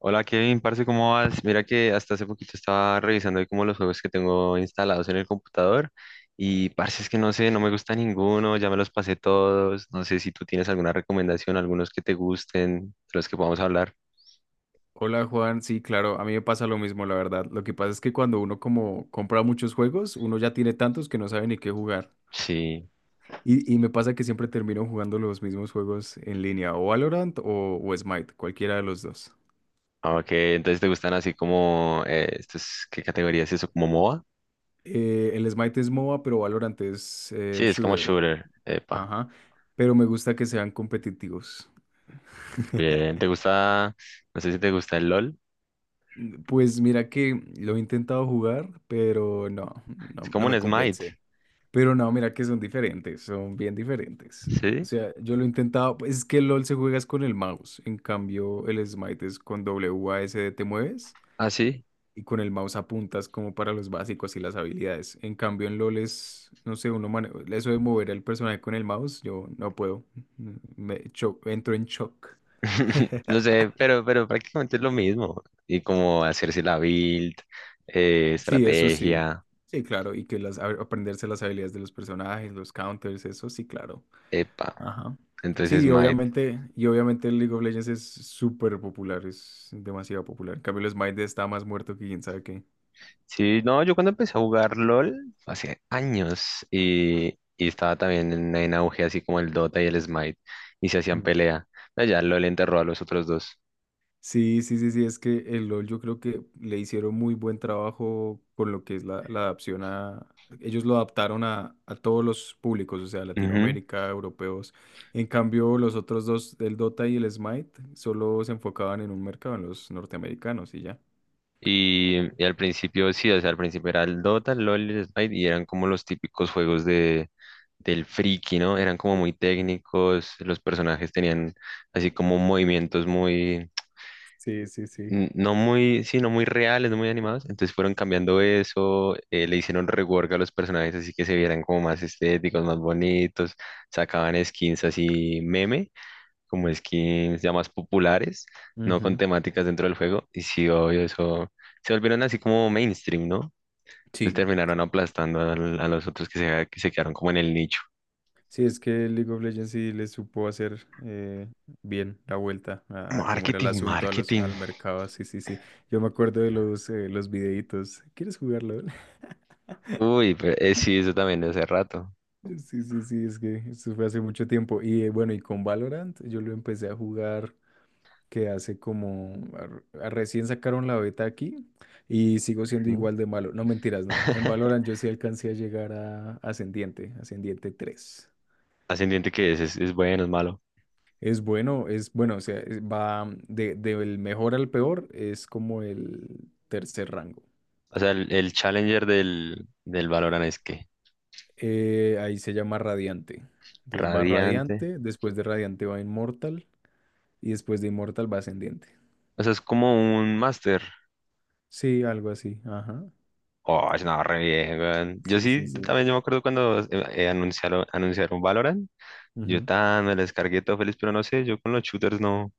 Hola Kevin, parce, ¿cómo vas? Mira que hasta hace poquito estaba revisando ahí como los juegos que tengo instalados en el computador y parce, es que no sé, no me gusta ninguno, ya me los pasé todos, no sé si tú tienes alguna recomendación, algunos que te gusten, de los que podamos hablar. Hola Juan, sí, claro, a mí me pasa lo mismo, la verdad. Lo que pasa es que cuando uno como compra muchos juegos, uno ya tiene tantos que no sabe ni qué jugar. Sí, Y me pasa que siempre termino jugando los mismos juegos en línea, o Valorant o Smite, cualquiera de los dos. ok, entonces te gustan así como, estos, ¿qué categoría es eso? ¿Como MOBA? El Smite es MOBA, pero Valorant es Sí, es como shooter. shooter, epa, Ajá. Pero me gusta que sean competitivos. bien, ¿te gusta, no sé si te gusta el LOL? Pues mira que lo he intentado jugar, pero no, Es no, como no me un Smite, convence. Pero no, mira que son diferentes, son bien diferentes. O ¿sí? sea, yo lo he intentado, pues, es que el LOL se juegas con el mouse, en cambio el Smite es con w a s d te mueves Ah, sí. y con el mouse apuntas como para los básicos y las habilidades. En cambio en LOL es, no sé, eso de mover al personaje con el mouse, yo no puedo, entro en shock. No sé, pero prácticamente es lo mismo. Y como hacerse la build, Sí, eso sí. estrategia, Sí, claro, y que aprenderse las habilidades de los personajes, los counters, eso sí, claro. epa. Ajá. Entonces, Sí, smite. Y obviamente el League of Legends es súper popular, es demasiado popular. En cambio, el Smite está más muerto que quién sabe qué. Sí, no, yo cuando empecé a jugar LOL, hace años, y estaba también en auge, así como el Dota y el Smite, y se hacían Mm. pelea. Pero ya LOL enterró a los otros dos. Sí, sí, sí, sí, es que el LoL yo creo que le hicieron muy buen trabajo con lo que es la adaptación a. Ellos lo adaptaron a todos los públicos, o sea, Latinoamérica, europeos. En cambio, los otros dos, el Dota y el Smite, solo se enfocaban en un mercado, en los norteamericanos y ya. Y al principio, sí, o sea, al principio era el Dota, el LoL y el Smite, y eran como los típicos juegos del friki, ¿no? Eran como muy técnicos, los personajes tenían así como movimientos muy, Sí, sí, sí. Sí, no muy reales, no muy animados, entonces fueron cambiando eso, le hicieron rework a los personajes así que se vieran como más estéticos, más bonitos, sacaban skins así meme, como skins ya más populares, no con Ujú. temáticas dentro del juego. Y sí, obvio, eso se volvieron así como mainstream, ¿no? Entonces Sí. terminaron aplastando a los otros que se quedaron como en el nicho. Sí, es que League of Legends sí le supo hacer bien la vuelta a cómo era el Marketing, asunto a los, marketing. al mercado. Sí, sí, sí. Yo me acuerdo de los videitos. ¿Quieres jugarlo? Uy, pero sí, eso también de hace rato. Sí, sí, sí, es que eso fue hace mucho tiempo. Y bueno, y con Valorant yo lo empecé a jugar que hace como. Recién sacaron la beta aquí y sigo siendo ¿Mm? igual de malo. No, mentiras, no. En Valorant yo sí alcancé a llegar a Ascendiente, Ascendiente 3. Ascendiente que es, es bueno, es malo. Es bueno, o sea, va del mejor al peor, es como el tercer rango. O sea, el Challenger del Valorant es que Ahí se llama Radiante. Entonces va radiante. Radiante, después de Radiante va Inmortal y después de Inmortal va Ascendiente. O sea, es como un máster. Sí, algo así, ajá. Oh, no, re bien, weón. Yo Sí, sí, sí, sí. también yo me acuerdo cuando anunciaron, anunciaron Valorant. Yo Ujú. tan me lo descargué todo feliz, pero no sé, yo con los shooters no.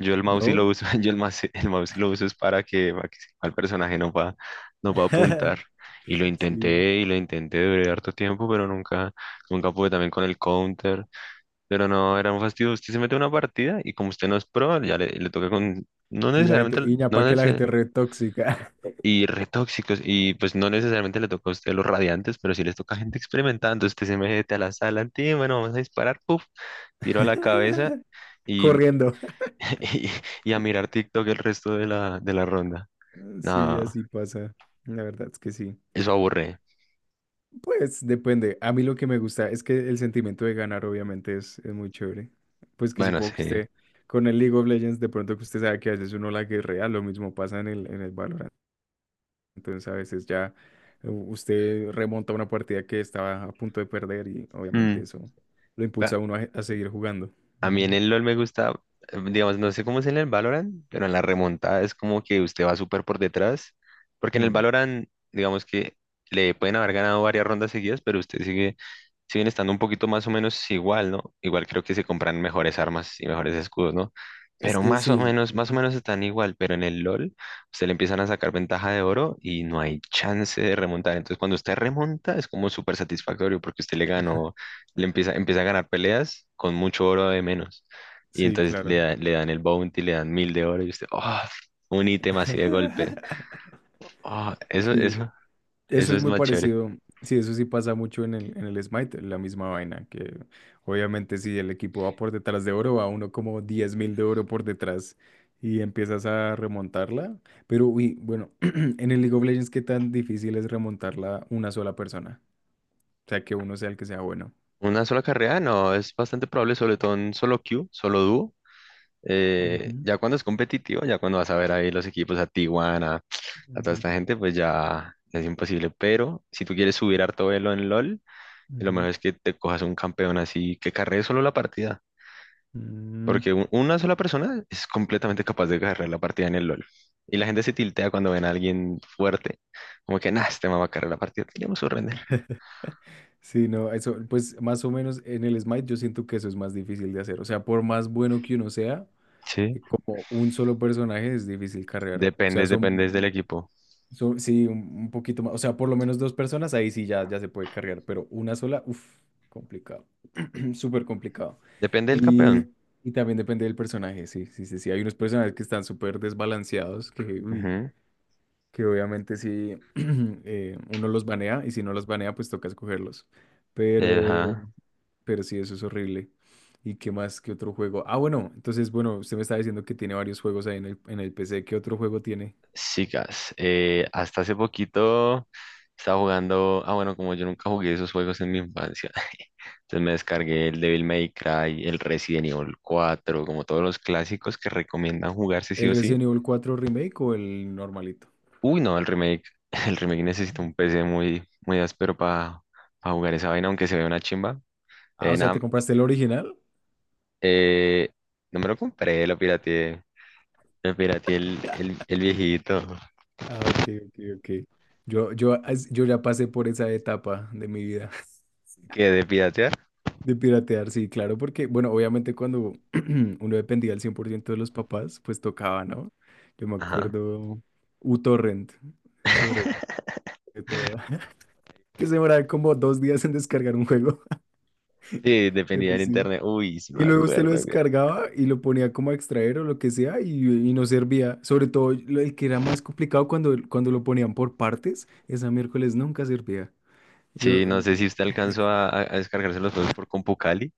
Yo el mouse sí lo ¿No? uso, yo el mouse sí lo uso es para que sepa el personaje no va, no va a apuntar. Sí, Y lo intenté durante harto tiempo, pero nunca, nunca pude también con el counter. Pero no, era un fastidio. Usted se mete a una partida y como usted no es pro, le toca con, no sí, la gente, necesariamente, Iña, no, ¿para qué la gente re tóxica? y retóxicos. Y pues no necesariamente le toca a usted los radiantes, pero sí les toca a gente experimentada. Entonces usted se mete a la sala, "Ti, bueno, vamos a disparar, puf, tiro a la cabeza y, Corriendo. y, y a mirar TikTok el resto de la ronda. Sí, No, así pasa. La verdad es que sí. eso aburre. Pues depende. A mí lo que me gusta es que el sentimiento de ganar obviamente es muy chévere. Pues que Bueno, supongo que sí. usted con el League of Legends de pronto que usted sabe que a veces uno la guerrea, lo mismo pasa en el Valorant. Entonces a veces ya usted remonta una partida que estaba a punto de perder y obviamente Mm. eso lo Va, impulsa a uno a seguir jugando. a mí en Ujú. el LOL me gusta, digamos, no sé cómo es en el Valorant, pero en la remontada es como que usted va súper por detrás, porque en el Mm. Valorant, digamos que le pueden haber ganado varias rondas seguidas, pero usted sigue siguen estando un poquito más o menos igual, ¿no? Igual creo que se compran mejores armas y mejores escudos, ¿no? Es Pero que sí, más o Ujú. menos están igual, pero en el LOL se le empiezan a sacar ventaja de oro y no hay chance de remontar. Entonces cuando usted remonta es como súper satisfactorio porque usted le ganó, empieza a ganar peleas con mucho oro de menos. Y Sí, entonces claro. Le dan el bounty, le dan mil de oro y usted, ¡oh! Un ítem así de golpe. ¡Oh! Sí, eso eso es es muy más chévere. parecido. Sí, eso sí pasa mucho en el Smite, la misma vaina, que obviamente si el equipo va por detrás de oro, va uno como 10.000 de oro por detrás y empiezas a remontarla. Pero uy, bueno, en el League of Legends, ¿qué tan difícil es remontarla una sola persona? O sea, que uno sea el que sea bueno. Una sola carrera, no, es bastante probable, sobre todo en solo queue, solo dúo. Ujú, Ya cuando es competitivo, ya cuando vas a ver ahí los equipos a Tijuana, a toda ujú, esta gente, pues ya es imposible. Pero si tú quieres subir harto velo en LOL, lo ujú. mejor es que te cojas un campeón así que carree solo la partida. Mm. Porque una sola persona es completamente capaz de carrear la partida en el LOL. Y la gente se tiltea cuando ven a alguien fuerte, como que, nah, este man va a carrear la partida, tenemos que render. Sí, no, eso, pues más o menos en el Smite yo siento que eso es más difícil de hacer. O sea, por más bueno que uno sea. Sí. Y como un solo personaje es difícil cargar. O sea, Dependes, son, dependes del equipo. Sí, un poquito más. O sea, por lo menos dos personas, ahí sí ya, ya se puede cargar, pero una sola, uff, complicado. Súper complicado. Depende del Y, campeón. y también depende del personaje, sí, sí, sí, sí. Hay unos personajes que están súper desbalanceados, que, uy, Ujú. que obviamente si uno los banea y si no los banea pues toca escogerlos. Pero, Ajá, pero sí, eso es horrible. ¿Y qué más? ¿Qué otro juego? Ah, bueno, entonces, bueno, usted me está diciendo que tiene varios juegos ahí en el PC. ¿Qué otro juego tiene? chicas, hasta hace poquito estaba jugando, ah bueno, como yo nunca jugué esos juegos en mi infancia, entonces me descargué el Devil May Cry, el Resident Evil 4, como todos los clásicos que recomiendan jugarse sí ¿El o sí. Resident Evil 4 Remake o el normalito? Uy, no, el remake, el remake necesita un P C muy, muy áspero para jugar esa vaina, aunque se vea una chimba. Ah, o sea, Nada, ¿te compraste el original? eh, no me lo compré, lo pirateé el viejito, Ah, ok, ok, ok. Yo ya pasé por esa etapa de mi vida. qué de piratear. De piratear, sí, claro, porque, bueno, obviamente cuando uno dependía al 100% de los papás, pues tocaba, ¿no? Yo me Ajá. acuerdo uTorrent, sobre todo, que se demoraba como 2 días en descargar un juego, Sí, dependía pero del sí. internet. Uy, sí me Y luego usted lo acuerdo, güey. descargaba y lo ponía como a extraer o lo que sea y no servía. Sobre todo el que era más complicado cuando, cuando lo ponían por partes, esa miércoles nunca servía. Yo, Sí, eh, no sé si usted alcanzó a, a descargarse los juegos por CompuCali.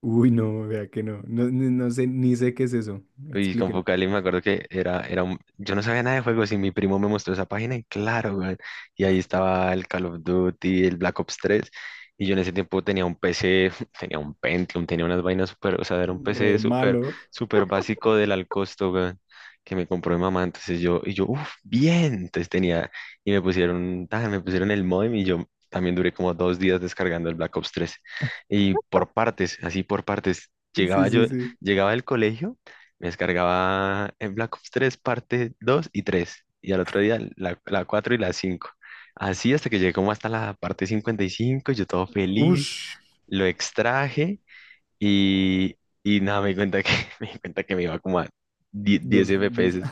uy, no, vea que no, no, no sé, ni sé qué es eso. Uy, con Focali me acuerdo que era, era un... Yo no sabía nada de juegos y mi primo me mostró esa página y claro, weón, y ahí estaba el Call of Duty, el Black Ops 3. Y yo en ese tiempo tenía un PC, tenía un Pentium, tenía unas vainas súper, o sea, era un Re PC súper, malo. súper básico del al costo, weón, que me compró mi mamá. Entonces yo, y yo, uff, bien. Entonces tenía, y me pusieron, tan, me pusieron el modem y yo también duré como 2 días descargando el Black Ops 3. Y por partes, así por partes, Sí, llegaba sí, yo, sí. llegaba del colegio. Me descargaba en Black Ops 3 parte 2 y 3 y al otro día la 4 y la cinco. Así hasta que llegué como hasta la parte 55 yo todo feliz, Ush. lo extraje y, y nada, me di cuenta que, me di cuenta que me iba como a 10, 10 Dos, dos. FPS.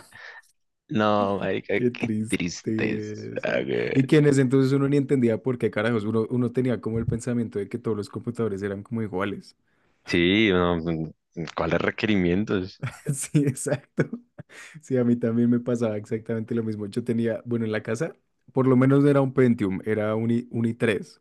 No, marica, Qué qué tristeza. tristeza. Güey. Y que en ese entonces uno ni entendía por qué carajos. Uno, uno tenía como el pensamiento de que todos los computadores eran como iguales. Sí, no, mm, ¿cuáles requerimientos? Sí, exacto. Sí, a mí también me pasaba exactamente lo mismo. Yo tenía, bueno, en la casa, por lo menos no era un Pentium, era un, un i3.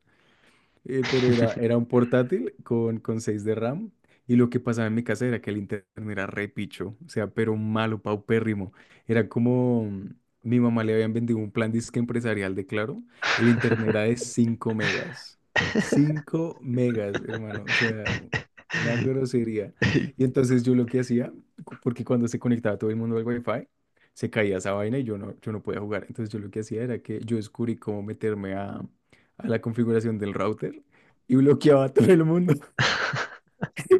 Pero era, era un portátil con 6 de RAM. Y lo que pasaba en mi casa era que el internet era re picho, o sea, pero malo, paupérrimo. Era como mi mamá le habían vendido un plan disque empresarial de Claro. El internet era de 5 megas. 5 megas, hermano, o sea, una grosería. Y entonces yo lo que hacía, porque cuando se conectaba todo el mundo al Wi-Fi, se caía esa vaina y yo no, yo no podía jugar. Entonces yo lo que hacía era que yo descubrí cómo meterme a la configuración del router y bloqueaba a todo el mundo.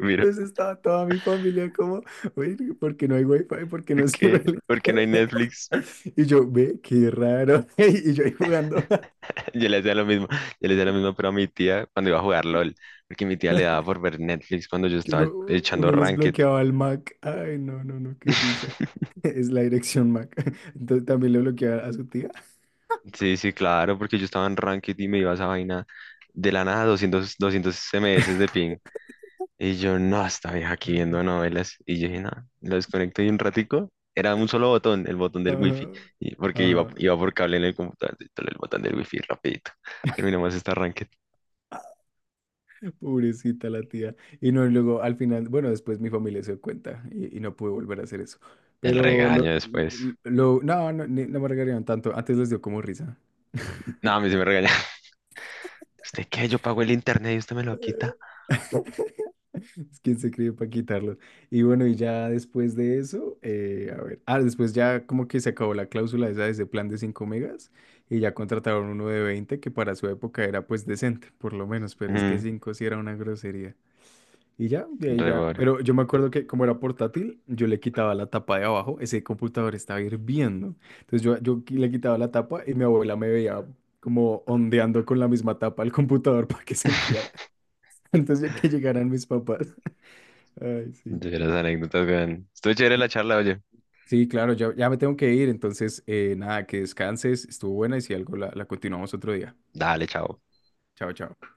Mira, estaba toda mi familia como, oye, ¿por qué no hay wifi? ¿Por qué no ¿por qué? sirve el ¿Por qué no hay internet? Netflix? Y yo, ve, qué raro. Y yo ahí jugando. Yo le hacía lo mismo, yo le hacía lo mismo, pero a mi tía cuando iba a jugar LOL, porque mi tía le daba por ver Netflix cuando yo Que estaba uno, echando uno les Ranked. bloqueaba al Mac. Ay, no, no, no, qué risa. Es la dirección Mac. Entonces también le bloqueaba a su tía. Sí, sí, claro, porque yo estaba en Ranked y me iba a esa vaina de la nada, doscientos, doscientos 200 SMS de ping. Y yo, no, esta vieja aquí viendo novelas. Y yo dije, no, lo desconecto y un ratico. Era un solo botón, el botón del Ajá, wifi, y porque iba, ajá. iba por cable en el computador, entonces el botón del wifi, rapidito. Terminamos esta Ranked. Pobrecita la tía. Y no, y luego al final, bueno, después mi familia se dio cuenta y no pude volver a hacer eso. El Pero regaño después. No, no, no me regañaron tanto. Antes les dio como risa. No, a mí se me regaña. ¿Usted qué? Yo pago el internet y usted me lo quita. Es quien se cree para quitarlo. Y bueno, y ya después de eso, a ver, ah, después ya como que se acabó la cláusula esa de ese plan de 5 megas y ya contrataron uno de 20 que para su época era pues decente, por lo menos, pero es que Mm, 5 sí era una grosería. Y ya, de ahí ya. rebor. Pero yo me acuerdo que como era portátil, yo le quitaba la tapa de abajo, ese computador estaba hirviendo. Entonces yo le quitaba la tapa y mi abuela me veía como ondeando con la misma tapa al computador para que se enfriara antes de que llegaran mis papás. Ay, sí. De las anécdotas, vean. Estuvo chévere la charla, oye. Sí, claro, ya, ya me tengo que ir. Entonces, nada, que descanses. Estuvo buena y si algo la continuamos otro día. Dale, chao. Chao, chao.